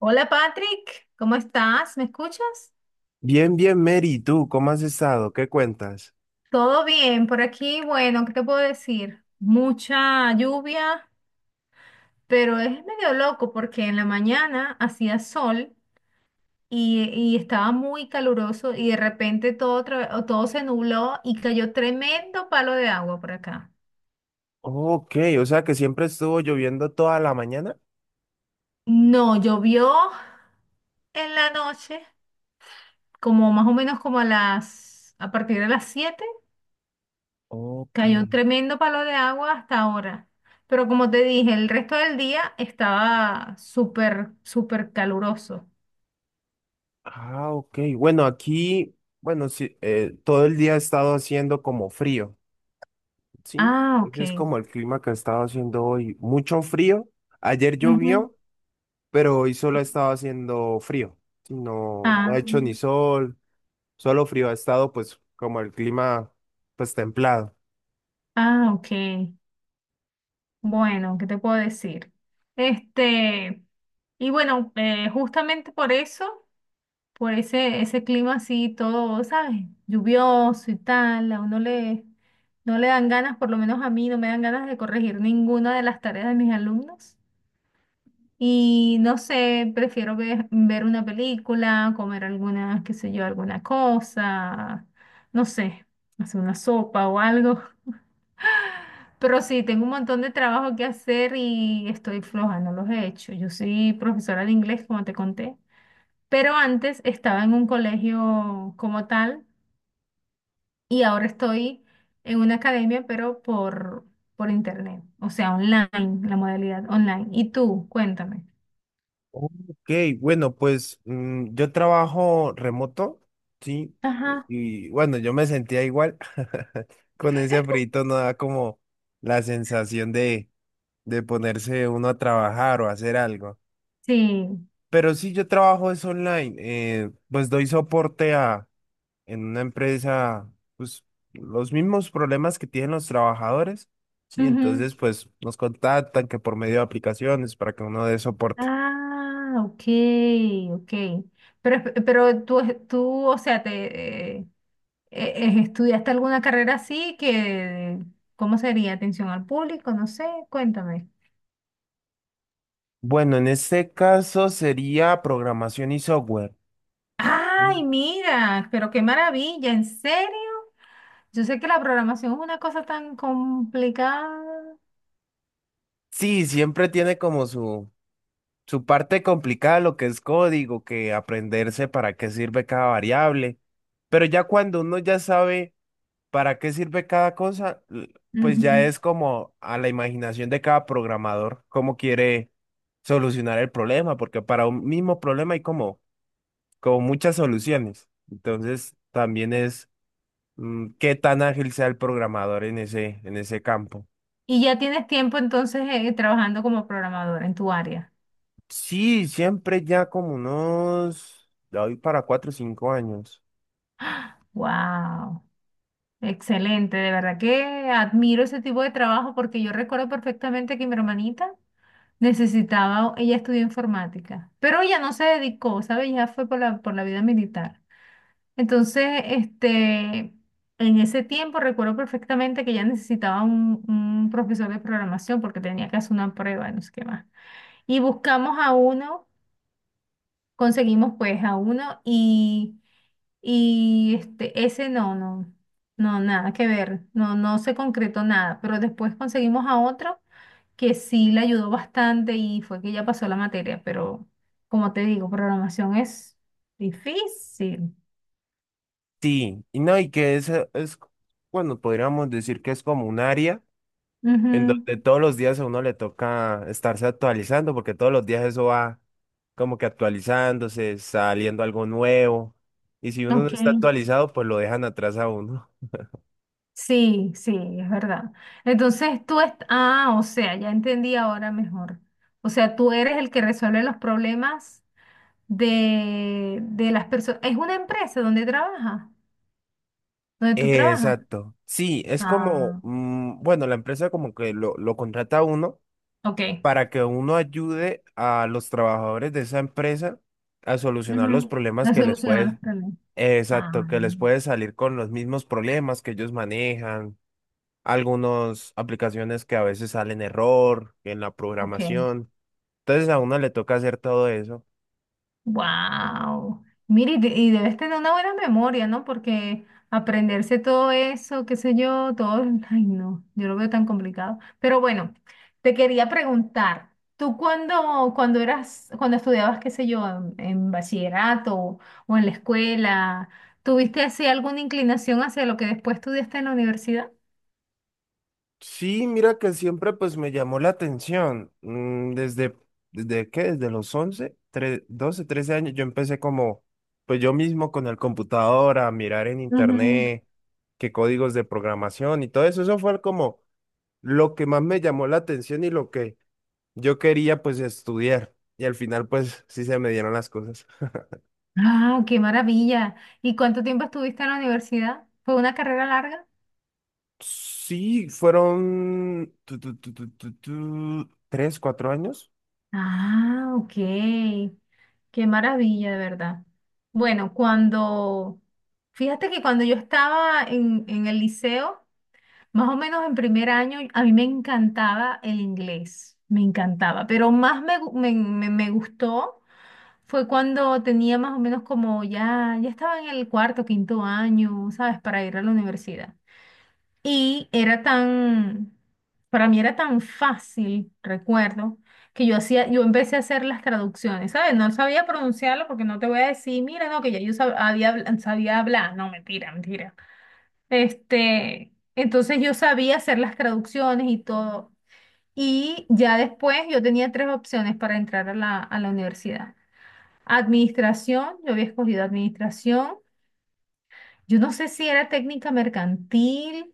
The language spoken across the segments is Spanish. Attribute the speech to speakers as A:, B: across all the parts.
A: Hola Patrick, ¿cómo estás? ¿Me escuchas?
B: Bien, bien, Mary, ¿tú cómo has estado? ¿Qué cuentas?
A: Todo bien por aquí. Bueno, ¿qué te puedo decir? Mucha lluvia, pero es medio loco porque en la mañana hacía sol y estaba muy caluroso y de repente todo, otra- o todo se nubló y cayó tremendo palo de agua por acá.
B: Ok, o sea que siempre estuvo lloviendo toda la mañana.
A: No, llovió en la noche, como más o menos como a partir de las 7.
B: Ok.
A: Cayó un tremendo palo de agua hasta ahora. Pero como te dije, el resto del día estaba súper, súper caluroso.
B: Ah, ok. Bueno, aquí, bueno, sí, todo el día ha estado haciendo como frío, ¿sí?
A: Ah, ok.
B: Ese es como el clima que ha estado haciendo hoy. Mucho frío. Ayer
A: Ujú.
B: llovió, pero hoy solo ha estado haciendo frío. Sí, no, no
A: Ah,
B: ha hecho ni sol, solo frío. Ha estado pues como el clima pues templado.
A: ah, ok. Bueno, ¿qué te puedo decir? Este, y bueno, justamente por eso, por ese clima así, todo, ¿sabes? Lluvioso y tal, no le dan ganas, por lo menos a mí, no me dan ganas de corregir ninguna de las tareas de mis alumnos. Y no sé, prefiero ver una película, comer alguna, qué sé yo, alguna cosa, no sé, hacer una sopa o algo. Pero sí, tengo un montón de trabajo que hacer y estoy floja, no los he hecho. Yo soy profesora de inglés, como te conté, pero antes estaba en un colegio como tal y ahora estoy en una academia, pero por internet, o sea, online, la modalidad online. ¿Y tú? Cuéntame.
B: Ok, bueno, pues yo trabajo remoto, ¿sí? Y
A: Ajá.
B: y bueno, yo me sentía igual. Con ese frito no da como la sensación de ponerse uno a trabajar o hacer algo.
A: Sí.
B: Pero sí, yo trabajo es online. Pues doy soporte a, en una empresa, pues los mismos problemas que tienen los trabajadores, ¿sí? Entonces, pues nos contactan que por medio de aplicaciones para que uno dé soporte.
A: Ah, ok, ok. Pero tú, o sea, ¿estudiaste alguna carrera así que, ¿cómo sería? Atención al público, no sé, cuéntame.
B: Bueno, en este caso sería programación y software. ¿Sí?
A: Ay, mira, pero qué maravilla, ¿en serio? Yo sé que la programación es una cosa tan complicada.
B: Sí, siempre tiene como su parte complicada lo que es código, que aprenderse para qué sirve cada variable. Pero ya cuando uno ya sabe para qué sirve cada cosa, pues ya
A: Ujú.
B: es como a la imaginación de cada programador cómo quiere solucionar el problema, porque para un mismo problema hay como, como muchas soluciones. Entonces también es qué tan ágil sea el programador en ese campo.
A: Y ya tienes tiempo entonces trabajando como programador en tu área.
B: Sí, siempre ya como unos, de hoy para cuatro o cinco años.
A: Wow. Excelente, de verdad que admiro ese tipo de trabajo porque yo recuerdo perfectamente que mi hermanita necesitaba, ella estudió informática, pero ella no se dedicó, ¿sabes? Ya fue por la vida militar. Entonces, en ese tiempo recuerdo perfectamente que ella necesitaba un profesor de programación porque tenía que hacer una prueba, no sé qué más. Y buscamos a uno conseguimos pues a uno y ese no, no, no, nada que ver, no, no se concretó nada, pero después conseguimos a otro que sí le ayudó bastante y fue que ya pasó la materia, pero como te digo, programación es difícil.
B: Sí, y no, y que eso es, bueno, podríamos decir que es como un área en
A: Ujú.
B: donde todos los días a uno le toca estarse actualizando, porque todos los días eso va como que actualizándose, saliendo algo nuevo, y si uno no
A: Ok,
B: está actualizado, pues lo dejan atrás a uno.
A: sí, sí, es verdad. Entonces o sea, ya entendí ahora mejor. O sea, tú eres el que resuelve los problemas de las personas. Es una empresa donde trabaja, donde tú trabajas.
B: Exacto. Sí, es como,
A: Ah,
B: bueno, la empresa como que lo contrata a uno
A: ok.
B: para que uno ayude a los trabajadores de esa empresa a solucionar los
A: Ujú.
B: problemas
A: No
B: que les
A: solucionan los
B: puede,
A: problemas. Ah,
B: exacto, que les puede salir con los mismos problemas que ellos manejan, algunas aplicaciones que a veces salen error en la
A: ok.
B: programación. Entonces a uno le toca hacer todo eso.
A: Wow. Mire, y debes tener una buena memoria, ¿no? Porque aprenderse todo eso, qué sé yo, todo, ay, no, yo lo veo tan complicado. Pero bueno, te quería preguntar, tú cuando estudiabas, qué sé yo, en bachillerato o en la escuela, ¿tuviste así alguna inclinación hacia lo que después estudiaste en la universidad?
B: Sí, mira que siempre pues me llamó la atención. Mm, desde, ¿desde qué? Desde los 11 12 13 años yo empecé como, pues yo mismo con el computador a mirar en
A: Ujú.
B: internet qué códigos de programación y todo eso. Eso fue como lo que más me llamó la atención y lo que yo quería pues estudiar. Y al final pues sí se me dieron las cosas.
A: Ah, qué maravilla. ¿Y cuánto tiempo estuviste en la universidad? ¿Fue una carrera larga?
B: Sí, fueron tres, cuatro años.
A: Ah, ok. Qué maravilla, de verdad. Bueno, cuando, fíjate que cuando yo estaba en el liceo, más o menos en primer año, a mí me encantaba el inglés, me encantaba, pero más me, gu- me- me gustó fue cuando tenía más o menos como ya estaba en el cuarto, quinto año, ¿sabes? Para ir a la universidad. Y era tan, para mí era tan fácil, recuerdo, que yo hacía, yo empecé a hacer las traducciones, ¿sabes? No sabía pronunciarlo porque no te voy a decir, mira, no, que ya yo sabía hablar, no, mentira, mentira. Este, entonces yo sabía hacer las traducciones y todo. Y ya después yo tenía tres opciones para entrar a la universidad. Administración, yo había escogido administración. Yo no sé si era técnica mercantil.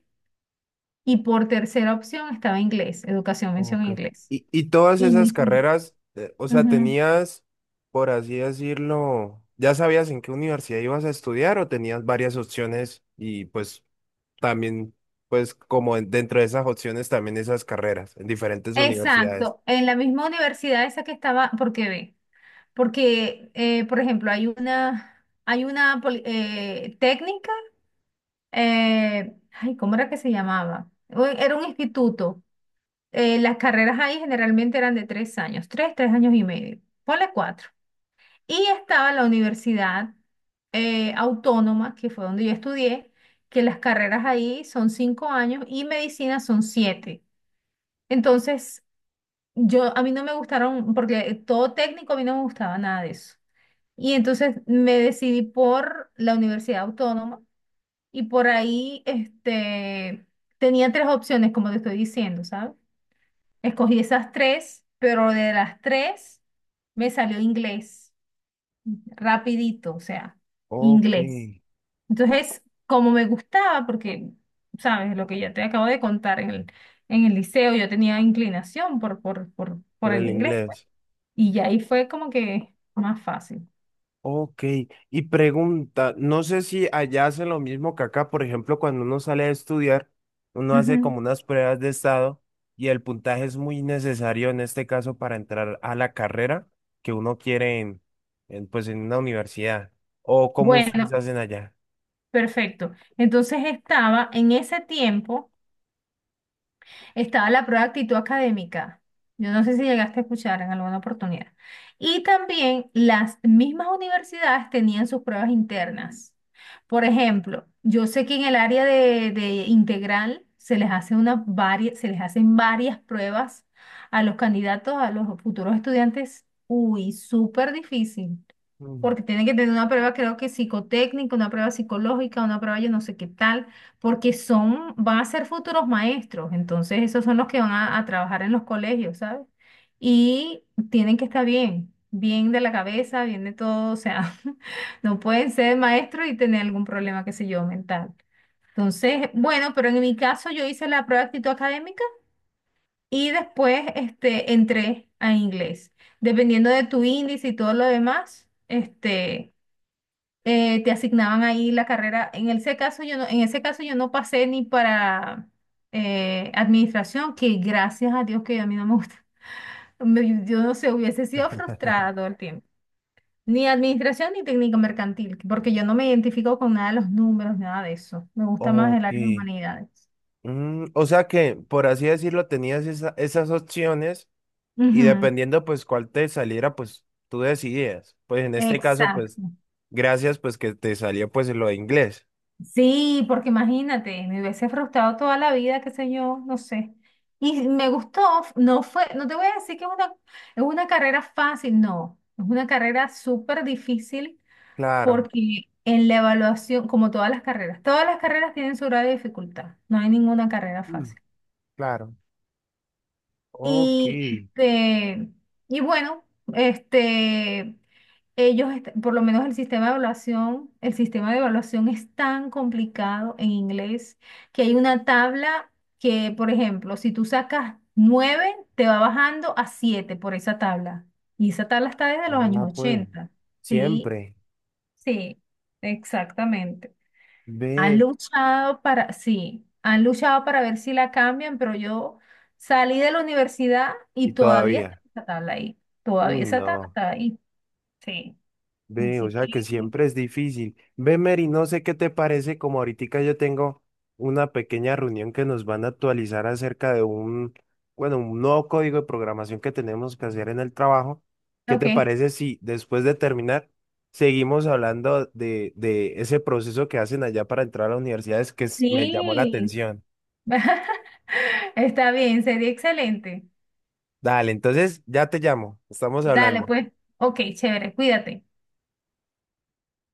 A: Y por tercera opción estaba inglés, educación, mención
B: Ok.
A: inglés.
B: Y todas
A: Y me
B: esas
A: salió.
B: carreras, o sea,
A: Ujú.
B: tenías, por así decirlo, ¿ya sabías en qué universidad ibas a estudiar o tenías varias opciones y pues también, pues como dentro de esas opciones también esas carreras en diferentes universidades?
A: Exacto, en la misma universidad esa que estaba, porque ve, porque, por ejemplo, hay una técnica, ay, ¿cómo era que se llamaba? O- Era un instituto. Las carreras ahí generalmente eran de 3 años, tres años y medio. Ponle cuatro. Y estaba la universidad autónoma, que fue donde yo estudié, que las carreras ahí son 5 años y medicina son siete. Entonces, yo a mí no me gustaron, porque todo técnico a mí no me gustaba nada de eso. Y entonces me decidí por la universidad autónoma y por ahí tenía tres opciones, como te estoy diciendo, ¿sabes? Escogí esas tres, pero de las tres me salió inglés. Rapidito, o sea,
B: Ok,
A: inglés. Entonces, como me gustaba, porque, sabes, lo que ya te acabo de contar en el liceo, yo tenía inclinación por
B: por
A: el
B: el
A: inglés, pues,
B: inglés.
A: y ya ahí fue como que más fácil.
B: Ok, y pregunta, no sé si allá hacen lo mismo que acá, por ejemplo, cuando uno sale a estudiar, uno hace
A: Ujú.
B: como unas pruebas de estado y el puntaje es muy necesario en este caso para entrar a la carrera que uno quiere en, pues en una universidad. ¿O cómo
A: Bueno,
B: ustedes hacen allá?
A: perfecto. Entonces estaba en ese tiempo. Estaba la prueba de actitud académica. Yo no sé si llegaste a escuchar en alguna oportunidad. Y también las mismas universidades tenían sus pruebas internas. Por ejemplo, yo sé que en el área de integral se les hacen varias pruebas a los candidatos, a los futuros estudiantes. Uy, súper difícil.
B: Mm.
A: Porque tienen que tener una prueba, creo que psicotécnica, una prueba psicológica, una prueba yo no sé qué tal porque son, van a ser futuros maestros, entonces esos son los que van a trabajar en los colegios, ¿sabes? Y tienen que estar bien, bien de la cabeza, bien de todo, o sea, no pueden ser maestros y tener algún problema, qué sé yo, mental. Entonces, bueno, pero en mi caso yo hice la prueba de actitud académica y después entré a inglés. Dependiendo de tu índice y todo lo demás, te asignaban ahí la carrera. En ese caso yo no, en ese caso yo no pasé ni para administración, que gracias a Dios que a mí no me gusta. Me- yo no sé, hubiese sido frustrada todo el tiempo. Ni administración ni técnico mercantil, porque yo no me identifico con nada de los números, nada de eso. Me gusta más el
B: Ok.
A: área de humanidades.
B: Mm, o sea que, por así decirlo, tenías esa- esas opciones y
A: Ujú.
B: dependiendo pues cuál te saliera, pues tú decidías. Pues en este caso, pues
A: Exacto.
B: gracias pues que te salió pues lo de inglés.
A: Sí, porque imagínate, me hubiese frustrado toda la vida, qué sé yo, no sé. Y me gustó, no fue, no te voy a decir que es una carrera fácil, no, es una carrera súper difícil
B: Claro,
A: porque en la evaluación, como todas las carreras tienen su grado de dificultad, no hay ninguna carrera
B: mm,
A: fácil.
B: claro. Ok,
A: Y este, y bueno, este por lo menos el sistema de evaluación, el sistema de evaluación es tan complicado en inglés que hay una tabla que, por ejemplo, si tú sacas 9 te va bajando a 7 por esa tabla. Y esa tabla está desde los
B: vea
A: años
B: pues,
A: ochenta Sí,
B: siempre,
A: sí, exactamente. Han
B: ve
A: luchado para, sí, han luchado para ver si la cambian, pero yo salí de la universidad
B: y
A: y todavía está
B: todavía.
A: esa tabla ahí. Todavía
B: Uy,
A: esa tabla
B: no.
A: está ahí. Sí.
B: Ve, o
A: Así
B: sea
A: que.
B: que siempre es difícil. Ve, Mary, no sé qué te parece, como ahorita yo tengo una pequeña reunión que nos van a actualizar acerca de un, bueno, un nuevo código de programación que tenemos que hacer en el trabajo. ¿Qué
A: Ok,
B: te parece si después de terminar seguimos hablando de ese proceso que hacen allá para entrar a las universidades que me llamó la
A: sí,
B: atención?
A: está bien, sería excelente.
B: Dale, entonces ya te llamo, estamos
A: Dale,
B: hablando.
A: pues, ok, chévere, cuídate.